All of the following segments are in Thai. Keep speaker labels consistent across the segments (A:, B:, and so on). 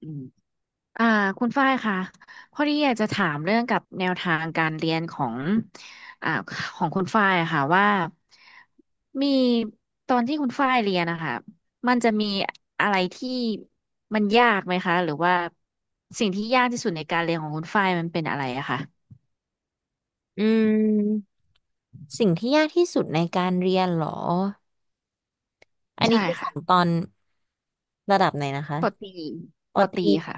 A: อืมอ่าคุณฝ้ายค่ะพอดีอยากจะถามเรื่องกับแนวทางการเรียนของอ่าของคุณฝ้ายอะค่ะว่ามีตอนที่คุณฝ้ายเรียนนะคะมันจะมีอะไรที่มันยากไหมคะหรือว่าสิ่งที่ยากที่สุดในการเรียนของคุณฝ้ายมันเป็นอะไรอะคะ
B: อืมสิ่งที่ยากที่สุดในการเรียนเหรอ อันนี้
A: ใช่
B: คือข
A: ค่ะ
B: องตอนระดับไหนนะคะ
A: ปอตรี
B: ป
A: ป
B: อ
A: อ
B: ต
A: ตรี
B: รี
A: ค่ะ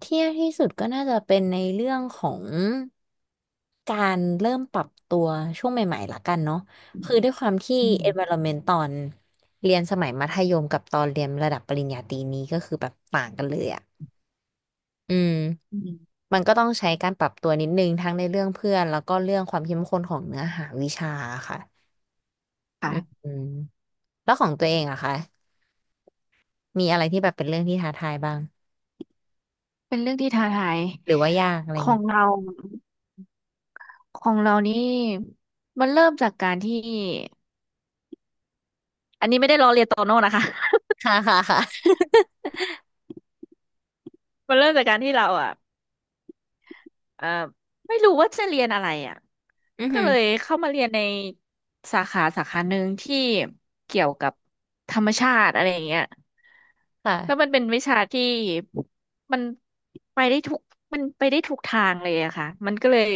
B: เที่ยงที่สุดก็น่าจะเป็นในเรื่องของการเริ่มปรับตัวช่วงใหม่ๆละกันเนาะคือด้วยความที่
A: อืม
B: environment ตอนเรียนสมัยมัธยมกับตอนเรียนระดับปริญญาตรีนี้ก็คือแบบต่างกันเลยอ่ะอืม
A: อืม
B: มันก็ต้องใช้การปรับตัวนิดนึงทั้งในเรื่องเพื่อนแล้วก็เรื่องความเข้มข้นของเนื้อหาวิชาค่ะอืม
A: ค่ะ
B: อืมแล้วของตัวเองอะคะมีอะไรที่แบบเป็นเรื่องที่ท้าทายบ้าง
A: เป็นเรื่องที่ท้าทาย
B: หรือว่ายากอะไร
A: ขอ
B: เงี้ย
A: งเรา ของเรานี่มันเริ่มจากการที่อันนี้ไม่ได้ล้อเลียนโตโน่นะคะ
B: ค่ะค่ะค่ะ
A: มันเริ่มจากการที่เราอ่ะเอ่อไม่รู้ว่าจะเรียนอะไรอ่ะ
B: อือ
A: ก็
B: หือ
A: เลยเข้ามาเรียนในสาขาสาขาหนึ่งที่เกี่ยวกับธรรมชาติอะไรอย่างเงี้ยแล้วมัน
B: ค่ะ
A: เป็นวิชาที่มันไปได้ทุกมันไปได้ทุกทางเลยอะค่ะมันก็เลย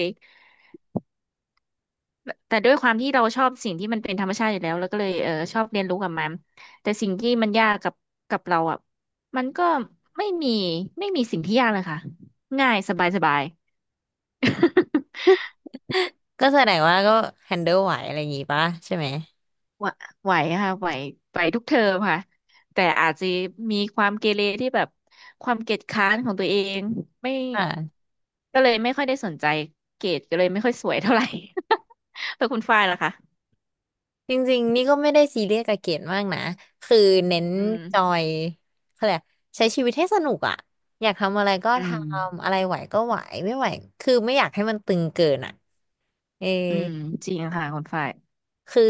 A: แต่ด้วยความที่เราชอบสิ่งที่มันเป็นธรรมชาติอยู่แล้วแล้วก็เลยเออชอบเรียนรู้กับมันแต่สิ่งที่มันยากกับเราอ่ะมันก็ไม่มีไม่มีสิ่งที่ยากเลยค่ะง่ายสบายสบาย
B: ก็แสดงว่าก็ handle ไหวอะไรอย่างงี้ปะใช่ไหม
A: ไหวไหวค่ะไหวทุกเทอมค่ะแต่อาจจะมีความเกเรที่แบบความเกียจคร้านของตัวเองไม่
B: อ่า
A: ก็เลยไม่ค่อยได้สนใจเกรดก็เลยไม่ค่อยสวยเท่าไหร่ แต่คุณฝ้ายล่ะคะ
B: จริงๆนี่ก็ไม่ได้ซีเรียสกับเกรดมากนะคือเน้น
A: อืม
B: จอยเขาเรียกอะไรใช้ชีวิตให้สนุกอ่ะอยากทำอะไรก็
A: อื
B: ท
A: ม
B: ำอะไรไหวก็ไหวไม่ไหวคือไม่อยากให้มันตึงเกินอ่ะเออ
A: อืมจริงค่ะคุณฝ้าย
B: คือ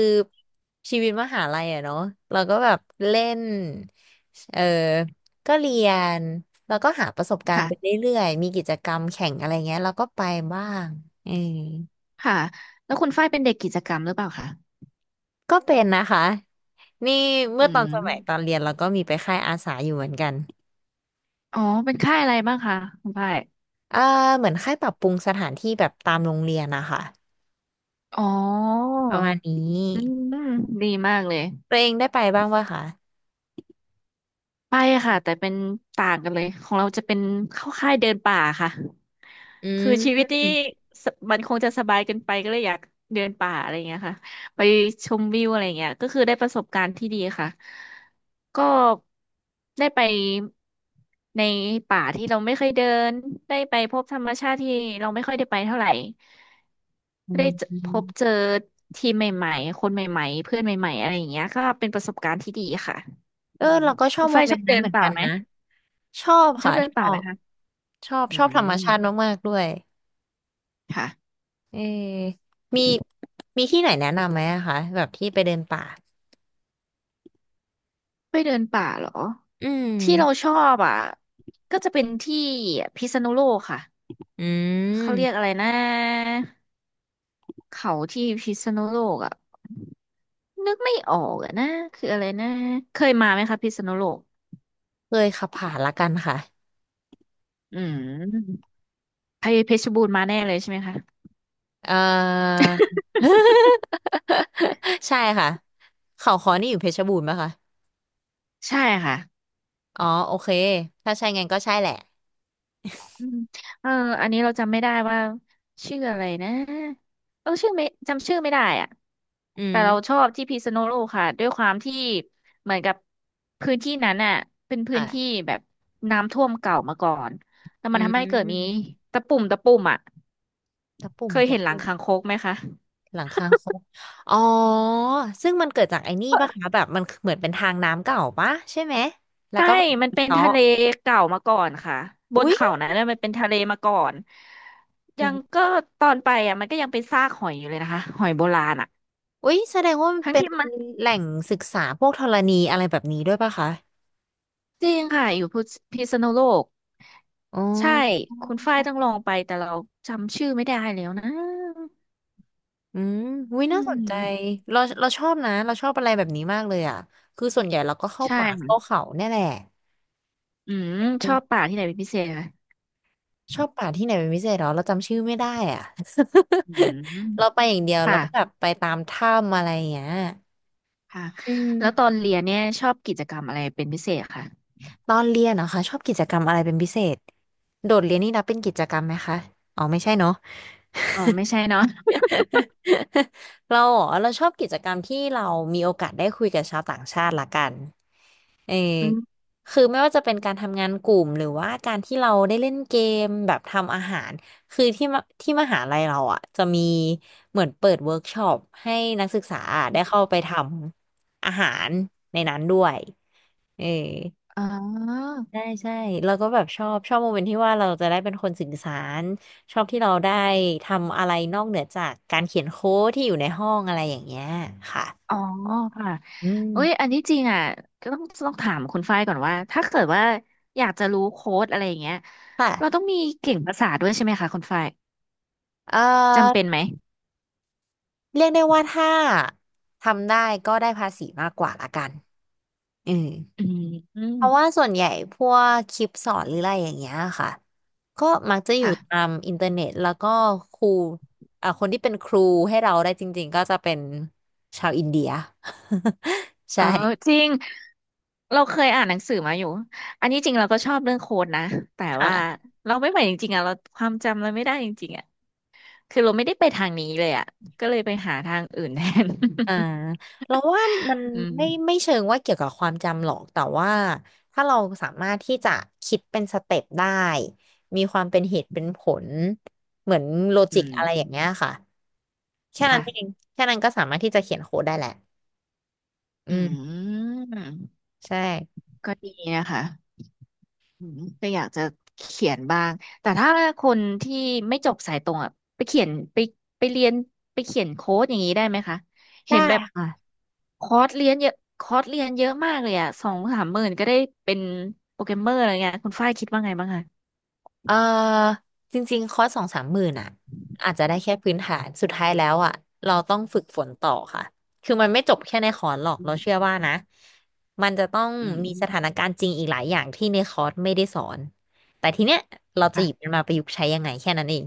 B: ชีวิตมหาลัยอะเนาะเราก็แบบเล่นเออก็เรียนแล้วก็หาประสบการณ์ไป
A: ค่ะ
B: เรื่อยๆมีกิจกรรมแข่งอะไรเงี้ยเราก็ไปบ้างเออ
A: ค่ะแล้วคุณฝ้ายเป็นเด็กกิจกรรมหรือเปล่าคะ
B: ก็เป็นนะคะนี่เมื่
A: อื
B: อตอนสมัยตอน
A: ม
B: เรียนเราก็มีไปค่ายอาสาอยู่เหมือนกัน
A: อ๋อเป็นค่ายอะไรบ้างคะคุณฝ้าย
B: เออเหมือนค่ายปรับปรุงสถานที่แบบตามโรงเรียนนะคะ
A: อ๋อ
B: ประมาณนี้
A: อืมดีมากเลย
B: ตัวเองได้ไปบ้างป่ะคะ
A: ไปอะค่ะแต่เป็นต่างกันเลยของเราจะเป็นเข้าค่ายเดินป่าค่ะ
B: อื
A: คือชีวิ
B: ม
A: ตนี่สมันคงจะสบายเกินไปก็เลยอยากเดินป่าอะไรอย่างเงี้ยค่ะไปชมวิวอะไรอย่างเงี้ยก็คือได้ประสบการณ์ที่ดีค่ะก็ได้ไปในป่าที่เราไม่เคยเดินได้ไปพบธรรมชาติที่เราไม่ค่อยได้ไปเท่าไหร่
B: อื
A: ได้เจอพบ
B: ม
A: เจอทีมใหม่ๆคนใหม่ๆเพื่อนใหม่ๆอะไรอย่างเงี้ยก็เป็นประสบการณ์ที่ดีค่ะ
B: เออ
A: อืม
B: เราก็ชอ
A: คุ
B: บ
A: ณ
B: โม
A: ฝ้าย
B: เม
A: ช
B: น
A: อบ
B: ต์นั้
A: เดิ
B: นเห
A: น
B: มือน
A: ป่า
B: กัน
A: ไหม
B: นะชอบ
A: ชอ
B: ค่ะ
A: บเดิน
B: ช
A: ป่า
B: อ
A: ไหม
B: บ
A: คะ
B: ชอบ
A: อื
B: ชอบธรรม
A: ม
B: ชาติมากๆด้วย
A: ค่ะ
B: เออมีมีที่ไหนแนะนำไหมอะคะแบบที่ไปเดินป่า
A: ไม่เดินป่าเหรอ
B: อืม
A: ที่เราชอบอ่ะก็จะเป็นที่พิษณุโลกค่ะ
B: อื
A: เขาเรียกอะ
B: ม
A: ไรนะเขาที่พิษณุโลกอ่ะนึกไม่ออกอ่ะนะคืออะไรนะเคยมาไหมคะพิษณุโลก
B: เคยขับผ่านละกันค่ะ
A: อืมไปเพชรบูรณ์มาแน่เลยใช่ไหมคะ
B: เอ่อ ใช่ค่ะเขาค้อนี่อยู่เพชรบูรณ์ปะคะ
A: ใช่ค่ะ
B: อ๋อโอเคถ้าใช่งั้นก็ใช่แหละ
A: อืมเอออันนี้เราจำไม่ได้ว่าชื่ออะไรนะเออชื่อไม่จำชื่อไม่ได้อ่ะ
B: อื
A: แต่
B: ม
A: เราชอบที่พิษณุโลกค่ะด้วยความที่เหมือนกับพื้นที่นั้นอ่ะเป็นพื้นที่
B: ค่ะ
A: แบบน้ำท่วมเก่ามาก่อนแล้ว
B: อื
A: มันทำให้เกิดมี
B: ม
A: ตะปุ่มตะปุ่มอ่ะ
B: ตะปุ่
A: เค
B: ม
A: ย
B: ตะ
A: เห็นหลัง
B: ปุ่ม
A: คางคกไหมคะ
B: หลังคาคกอ๋อซึ่งมันเกิดจากไอ้นี่ปะคะแบบมันเหมือนเป็นทางน้ำเก่าปะใช่ไหมแล้ว
A: ใช่
B: ก็แบบ
A: มันเป็น
B: เจาะ
A: ทะเลเก่ามาก่อนค่ะบน
B: อุ๊ย
A: เขานั้นน่ะมันเป็นทะเลมาก่อนยังก็ตอนไปอ่ะมันก็ยังเป็นซากหอยอยู่เลยนะคะหอยโบราณอ่ะ
B: อุ๊ยแสดงว่ามัน
A: ทั้ง
B: เป็น
A: ที่มัน
B: แหล่งศึกษาพวกธรณีอะไรแบบนี้ด้วยปะคะ
A: จริงค่ะอยู่พิษณุโลก
B: อ๋อ
A: ใช่คุณฝ้ายต้องลองไปแต่เราจำชื่อไม่ได้แล้วนะ
B: อืมวิ
A: อื
B: น่าสนใจ
A: ม
B: เราชอบนะเราชอบอะไรแบบนี้มากเลยอ่ะคือส่วนใหญ่เราก็เข้า
A: ใช่
B: ป่าเข้า
A: ค่ะ
B: เขาเนี่ยแหละ
A: อืมชอบป่าที่ไหนเป็นพิเศษคะ
B: ชอบป่าที่ไหนเป็นพิเศษเหรอเราจำชื่อไม่ได้อ่ะ
A: อืม
B: เราไปอย่างเดียวเรา
A: ค่ะ
B: ก็แบบไปตามถ้ำอะไรอย่างเงี้ย
A: ค่ะ
B: อื
A: แล้วต
B: ม
A: อนเรียนเนี่ยชอบกิจกรรมอะไรเป็นพิเศษค่ะ
B: ตอนเรียนเหรอคะชอบกิจกรรมอะไรเป็นพิเศษโดดเรียนนี่นับเป็นกิจกรรมไหมคะอ๋อไม่ใช่เนาะ
A: อ๋อไม่ใช่เนาะ
B: เราเหรอเราชอบกิจกรรมที่เรามีโอกาสได้คุยกับชาวต่างชาติละกันเออ
A: อืม
B: คือไม่ว่าจะเป็นการทำงานกลุ่มหรือว่าการที่เราได้เล่นเกมแบบทำอาหารคือที่มหาลัยเราอ่ะจะมีเหมือนเปิดเวิร์กช็อปให้นักศึกษาได้เข้าไปทำอาหารในนั้นด้วยเออ
A: อ๋อ
B: ใช่ใช่เราก็แบบชอบโมเมนต์ที่ว่าเราจะได้เป็นคนสื่อสารชอบที่เราได้ทำอะไรนอกเหนือจากการเขียนโค้ดที่อยู่ในห้องอะไรอย่างเงี้ยค่ะ
A: อ๋อค่ะ
B: อื
A: เอ้ยอั
B: ม
A: นที่จริงอ่ะก็ต้องถามคุณฝ้ายก่อนว่าถ้าเกิดว่าอยากจะรู้โค้ดอะไรอย่างเงี้ยเราต้อ
B: ค่ะ
A: งมีเก่งภาษาด้วยใช่ไหมคะคุณฝ้าย
B: เอ่
A: จำเป็
B: อ
A: นไหม
B: เรียกได้ว่าถ้าทำได้ก็ได้ภาษีมากกว่าละกันอืม
A: อืมอืม
B: เพราะว่าส่วนใหญ่พวกคลิปสอนหรืออะไรอย่างเงี้ยค่ะก็มักจะอยู่
A: ค่ะ
B: ตามอินเทอร์เน็ตแล้วก็ครูอ่าคนที่เป็นครูให้เราได้จริงๆก็จะเป็นชาวอินเดีย
A: เอ
B: ใช่
A: อจริงเราเคยอ่านหนังสือมาอยู่อันนี้จริงเราก็ชอบเรื่องโค้ดนะแต่
B: ค
A: ว่า
B: ่ะ
A: เราไม่ไหวจริงๆอ่ะเราความจำเราไม่ได้จริงๆอ่ะคือเราไม่ได้ไปทางนี้เลยอ่ะก็เลยไปหาทางอื่นแทน
B: อ่าเราว่ามัน
A: อืม
B: ไม่เชิงว่าเกี่ยวกับความจำหรอก แต่ว่าถ้าเราสามารถที่จะคิดเป็นสเต็ปได้มีความเป็นเหตุเป็นผลเหมือนโล
A: อื
B: จิก
A: ม
B: อะไรอย่างเงี้ยค่ะแค่นั้นเอง
A: ค่ะ
B: แค่นั้นก็สามารถที่จะเขียนโค้ดได้แหละ อื
A: อื
B: ม
A: ม
B: ใช่
A: ก็ดีนะคะ อืมก็อยากจะเขียนบ้างแต่ถ้าคนที่ไม่จบสายตรงอ่ะไปเขียนไปไปเรียนไปเขียนโค้ดอย่างนี้ได้ไหมคะ
B: ได้
A: เห็นแบบ
B: ค่ะ
A: คอร์สเรียนเยอะคอร์สเรียนเยอะมากเลยอ่ะสองสามหมื่นก็ได้เป็นโปรแกรมเมอร์อะไรเงี้ยคุณฝ้ายคิดว่าไงบ้างคะ
B: เออจริงๆคอร์สสองสามหมื่นอ่ะอาจจะได้แค่พื้นฐานสุดท้ายแล้วอ่ะเราต้องฝึกฝนต่อค่ะคือมันไม่จบแค่ในคอร์สหรอก
A: อื
B: เรา
A: ม
B: เชื่อ
A: อื
B: ว่า
A: ม
B: นะมันจะต้อง
A: อืม
B: มีสถานการณ์จริงอีกหลายอย่างที่ในคอร์สไม่ได้สอนแต่ทีเนี้ยเราจะหยิบ
A: ค่ะ
B: มันมาประยุกต์ใช้ยังไงแค่นั้นเอง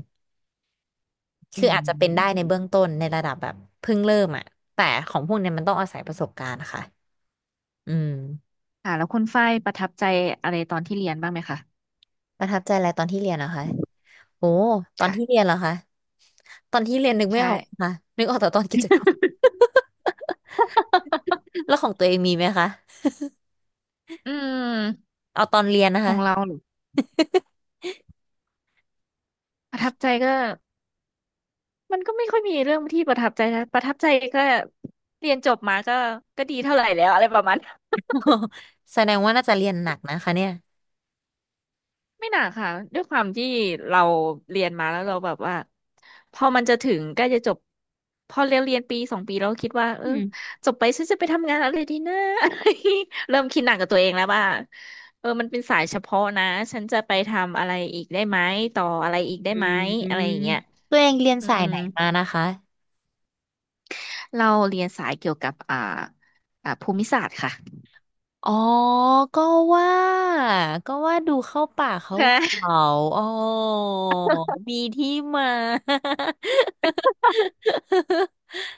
A: อื
B: คืออาจจะเป็นได้ใน
A: ม
B: เบื้องต้นในระดับแบบเพิ่งเริ่มอ่ะแต่ของพวกเนี้ยมันต้องอาศัยประสบการณ์ค่ะอืม
A: ค่ะแล้วคุณฝ้ายประทับใจอะไรตอนที่เรียนบ้างไหมคะ
B: ประทับใจอะไรตอนที่เรียนนะคะ โอ้ตอนที่เรี
A: ค่ะ
B: ยนเหรอคะตอนที่เรียนนึกไม่
A: ใช่
B: ออกค่ะนึกออกแต่ตอนกิจกรรม แล้วของตัวเองมีไหมคะ
A: อืม
B: เอาตอนเรียนนะ
A: ขอ
B: คะ
A: งเราเหรอประทับใจก็ มันก็ไม่ค่อยมีเรื่องที่ประทับใจนะประทับใจก็เรียนจบมาก็ก็ดีเท่าไหร่แล้วอะไรประมาณนั้น
B: แสดงว่าน่าจะเรียนหนักนะคะเนี่ย
A: ไม่หนักค่ะด้วยความที่เราเรียนมาแล้วเราแบบว่าพอมันจะถึงใกล้จะจบพอเรียนปีสองปีเราก็คิดว่าเอ
B: อื
A: อ
B: ม
A: จบไปฉันจะไปทำงานอะไรดีนะ เริ่มคิดหนักกับตัวเองแล้วว่าเออมันเป็นสายเฉพาะนะฉันจะไปทำอะไรอีกได้ไหมต่ออะไรอีกได้
B: อื
A: ไหมอะไรอย่าง
B: ม
A: เงี้ย
B: ตัวเองเรียน
A: อื
B: สาย
A: ม
B: ไหนมานะคะ
A: เราเรียนสายเกี่ยวกับภูมิศาสตร์ค่ะ
B: อ๋อก็ว่าก็ว่าดูเข้าป่าเขา
A: ค่ะ
B: เขาอ๋อมีที่มา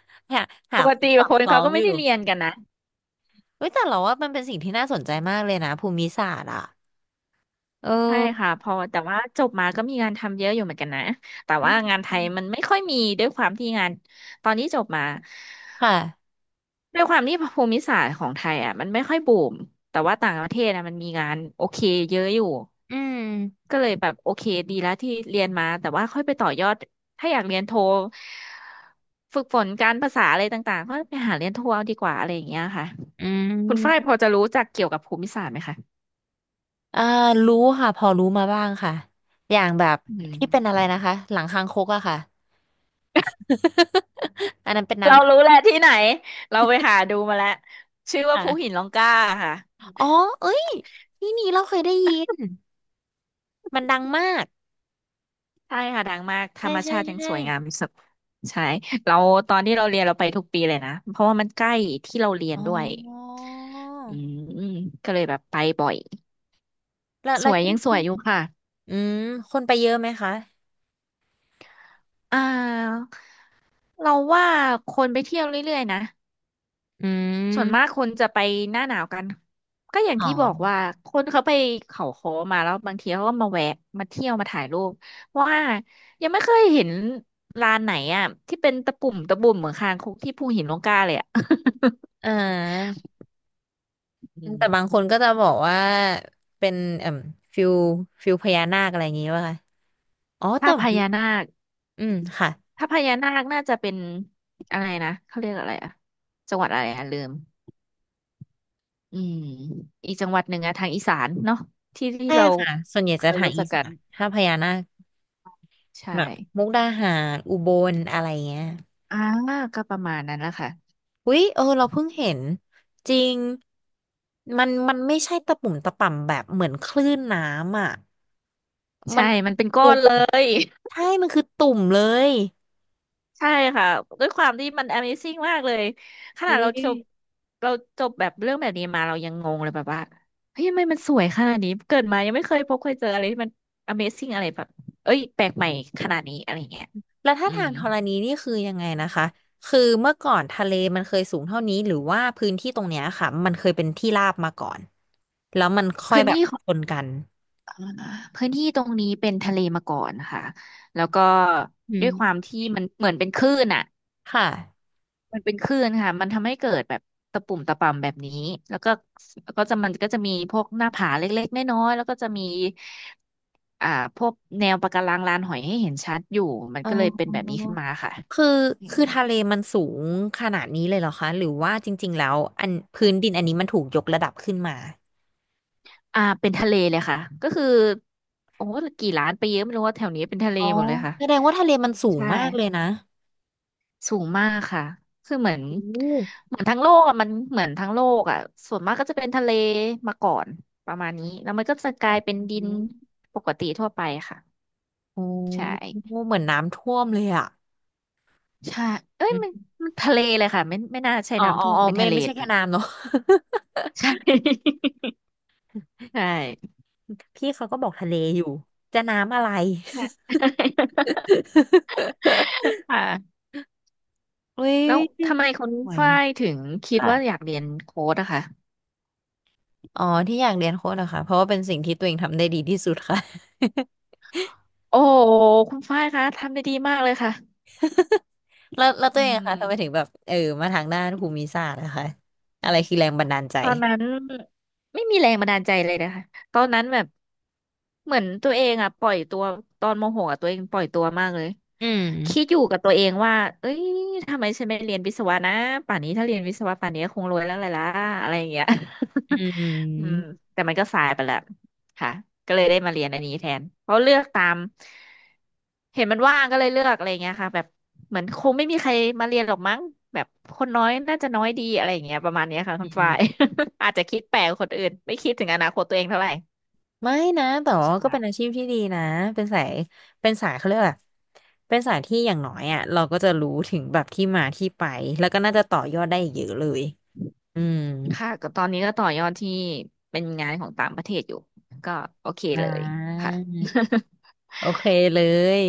B: หา
A: ป
B: หา
A: ก
B: ความ
A: ติ
B: สอด
A: ค
B: ค
A: น
B: ล้อ
A: เขา
B: ง
A: ก็
B: อ
A: ไม่
B: ยู่
A: ได้เรียนกันนะ
B: เฮ้ยแต่เราว่ามันเป็นสิ่งที่น่าสนใจมากเลยนะภูมิศาสตร์อ่ะเอ
A: ใช่
B: อ
A: ค่ะพอแต่ว่าจบมาก็มีงานทำเยอะอยู่เหมือนกันนะแต่
B: อื
A: ว่างา
B: ม
A: นไทยมันไม่ค่อยมีด้วยความที่งานตอนนี้จบมา
B: ค่ะ
A: ด้วยความที่ภูมิศาสตร์ของไทยอ่ะมันไม่ค่อยบูมแต่ว่าต่างประเทศอ่ะมันมีงานโอเคเยอะอยู่
B: อืม
A: ก็เลยแบบโอเคดีแล้วที่เรียนมาแต่ว่าค่อยไปต่อยอดถ้าอยากเรียนโทฝึกฝนการภาษาอะไรต่างๆก็ไปหาเรียนโทเอาดีกว่าอะไรอย่างเงี้ยค่ะ
B: อื
A: คุณฝ้ายพ
B: ม
A: อจะรู้จักเกี่ยวกับภูมิศาสตร์ไหมคะ
B: อ่ารู้ค่ะพอรู้มาบ้างค่ะอย่างแบบ
A: อื
B: ที่เป็นอะ
A: ม
B: ไรนะคะหลังคางคกอะค่ะ อันนั้นเป็นน้
A: เรารู้แหละที่ไหนเราไปหาดูมาแล้วชื่อ
B: ำ
A: ว่าภูหิ
B: ค่ะ
A: นร่องกล้าค่ะ
B: อ๋อเอ้ยที่นี่เราเคยได้ยินมันดังมาก
A: ใช่ค่ะดังมากธร
B: ใช่
A: รม
B: ใช่
A: ชาติยัง
B: ใช่
A: สวยงามที่สุดใช่เราตอนที่เราเรียนเราไปทุกปีเลยนะเพราะว่ามันใกล้ที่เราเรียน
B: อ๋
A: ด้วย
B: อ
A: อืมก็เลยแบบไปบ่อย
B: แล้ว
A: ส
B: แล้ว
A: วย
B: ที่
A: ยังสวยอยู่ค่ะ
B: อืมคนไปเยอะไหมคะ
A: อ่าเราว่าคนไปเที่ยวเรื่อยๆนะ
B: อื
A: ส่วนมาก
B: ม
A: คนจะไปหน้าหนาวกันก็อย่าง
B: อ๋
A: ที่บอก
B: อ
A: ว่าคนเขาไปเขาค้มาแล้วบางทีเขาก็มาแวะมาเที่ยวมาถ่ายรูปเพราะว่ายังไม่เคยเห็นลานไหนอ่ะที่เป็นตะปุ่มตะบุ่มเหมือนคางคกที่ภูหินร่องกล้าเลยอ่ะ
B: อ่า
A: อื
B: แต่บาง
A: ม
B: คนก็จะบอกว่าเป็นเอ่มฟิลฟิลพญานาคอะไรอย่างงี้ป่ะคะอ๋อ
A: ถ้า
B: แต่
A: พ
B: มัน
A: ญานาค
B: อืมค่ะ
A: น่าจะเป็นอะไรนะเขาเรียกอะไรอ่ะจังหวัดอะไรอ่ะลืมอืมอีกจังหวัดหนึ่งอะทางอีสานเนาะที่
B: ใช่
A: เรา
B: ค่ะส่วนใหญ่
A: เค
B: จะ
A: ย
B: ทาง
A: รู้จั
B: อี
A: ก
B: สา
A: กัน
B: นถ้าพญานาค
A: ใช
B: แบบมุ
A: ่
B: กดาหารอุบลอะไรเงี้ย
A: อ่าก็ประมาณนั้นแหละค่ะ
B: อุ๊ยเออเราเพิ่งเห็นจริงมันไม่ใช่ตะปุ่มตะป่ำแบบเหมือนคลื่นน้ำอ่ะมั
A: ใช่
B: น
A: มันเป็นก้อ
B: ตุ่
A: น
B: ม
A: เลย
B: ใช่มันคือตุ่มเลย
A: ใช่ค่ะด้วยความที่มัน Amazing มากเลยขนา
B: อุ้
A: ด
B: ย
A: เราจบเราจบแบบเรื่องแบบนี้มาเรายังงงเลยแบบว่าเฮ้ยทำไมมันสวยขนาดนี้เกิดมายังไม่เคยพบเคยเจออะไรที่มัน Amazing อะไรแบบเอ้ยแปลกใหม่ขนาดนี้อะไรเงี้ย
B: แล้วถ้า
A: อื
B: ทา
A: ม
B: งธรณีนี่คือยังไงนะคะคือเมื่อก่อนทะเลมันเคยสูงเท่านี้หรือว่าพื้นที่ตรงเนี้ยค่ะมันเคยเป็นที่ราบมาก่อนแล้วมันค่อย
A: พื้น
B: แบบ
A: ที่ของ
B: ชนกัน
A: เอ่อพื้นที่ตรงนี้เป็นทะเลมาก่อนค่ะแล้วก็
B: อื
A: ด้วยความ
B: ม
A: ที่มันเหมือนเป็นคลื่นอ่ะ
B: ค่ะ
A: มันเป็นคลื่นค่ะมันทำให้เกิดแบบตะปุ่มตะป่ำแบบนี้แล้วก็แล้วก็จะมันก็จะมีพวกหน้าผาเล็กๆน้อยๆแล้วก็จะมีอ่าพวกแนวปะการังลานหอยให้เห็นชัดอยู่มัน
B: อ๋
A: ก็เลยเป็น
B: อ
A: แบบนี้ขึ้นมาค่ะ
B: คือ
A: อืม
B: คือทะเลมันสูงขนาดนี้เลยเหรอคะหรือว่าจริงๆแล้วอันพื้นดินอันนี้มันถูกยกระดับขึ้นมา
A: อ่าเป็นทะเลเลยค่ะ ก็คือโอ้โหกี่ล้านไปเยอะไม่รู้ว่าแถวนี้เป็นทะเล
B: อ๋อ
A: หมดเลยค่ะ
B: แสดงว่าทะเลมันสูง
A: ใช่
B: มากเลยนะ
A: สูงมากค่ะ คือเหมือน
B: โอ้
A: ทั้งโลกอะมันเหมือนทั้งโลกอะส่วนมากก็จะเป็นทะเลมาก่อนประมาณนี้แล้วมันก็จะกลายเป็น
B: อื
A: ดิน
B: ม
A: ปกติทั่วไปค่ะ
B: โอ้
A: ใช่
B: โหเหมือนน้ำท่วมเลยอ่ะ
A: ใช่เอ้ยมัน
B: อ
A: ทะเลเลยค่ะไม่น่าใช่
B: อ๋อ
A: น้ำ
B: อ๋อ
A: ท่วม
B: อ๋อ
A: เป็น
B: ไม่
A: ทะเล
B: ไม่ใช่
A: เล
B: แค่
A: ย
B: น้ำเนอะ
A: ใช่ ใช่
B: พี่เขาก็บอกทะเล
A: อื
B: อยู่
A: ม
B: จะน้ำอะไร
A: ใช่ ค่ะ
B: อุ้ย
A: แล้วทำไมคุณ
B: สวย
A: ฝ้ายถึงคิด
B: ค่ะ
A: ว่าอยากเรียนโค้ดอะคะ
B: อ๋อที่อยากเรียนโค้ดเหรอคะเพราะว่าเป็นสิ่งที่ตัวเองทำได้ดีที่สุดค่ะ
A: โอ้คุณฝ้ายคะทำได้ดีมากเลยค่ะ
B: แล้ว
A: อื
B: ตัวเองอะคะทำไมถึง
A: ม
B: แบบเออมาทางด้านภูมิศาสตร์นะคะอะไรคือแรงบันดาลใจ
A: ตอนนั้นไม่มีแรงบันดาลใจเลยนะคะตอนนั้นแบบเหมือนตัวเองอ่ะปล่อยตัวตอนโมโหอะตัวเองปล่อยตัวมากเลย
B: อื
A: คิดอ
B: ม
A: ยู่กับตัวเองว่าเอ้ยทำไมฉันไม่เรียนวิศวะนะป่านนี้ถ้าเรียนวิศวะป่านนี้คงรวยแล้วเลยล่ะอะไรอย่างเงี้ย
B: อื
A: อืม
B: ม
A: แต่มันก็สายไปแล้ว ค่ะก็เลยได้มาเรียนอันนี้แทนเพราะเลือกตามเห็นมันว่างก็เลยเลือกอะไรเงี้ยค่ะแบบเหมือนคงไม่มีใครมาเรียนหรอกมั้งแบบคนน้อยน่าจะน้อยดีอะไรอย่างเงี้ยประมาณเนี้ยค่ะคุ
B: อื
A: ณฝ้า
B: ม
A: ย อาจจะคิดแปลกกว่าคนอื่นไม่คิดถึงอนาคตตัวเองเท่าไหร่
B: ไม่นะ แต่ว่าก็เป็น
A: ใช่
B: อาชีพที่ดีนะ เป็นสายเป็นสายเขาเรียกอะเป็นสายที่อย่างน้อยอ่ะเราก็จะรู้ถึงแบบที่มาที่ไป แล้วก็น่าจะต่อยอดได้อีกเยอะเลยอืม
A: ค่ะก็ตอนนี้ก็ต่อยอดที่เป็นงานของต่างประเทศอยู่ก็โอเค
B: อ่
A: เลยค่ะ
B: า โอเคเลย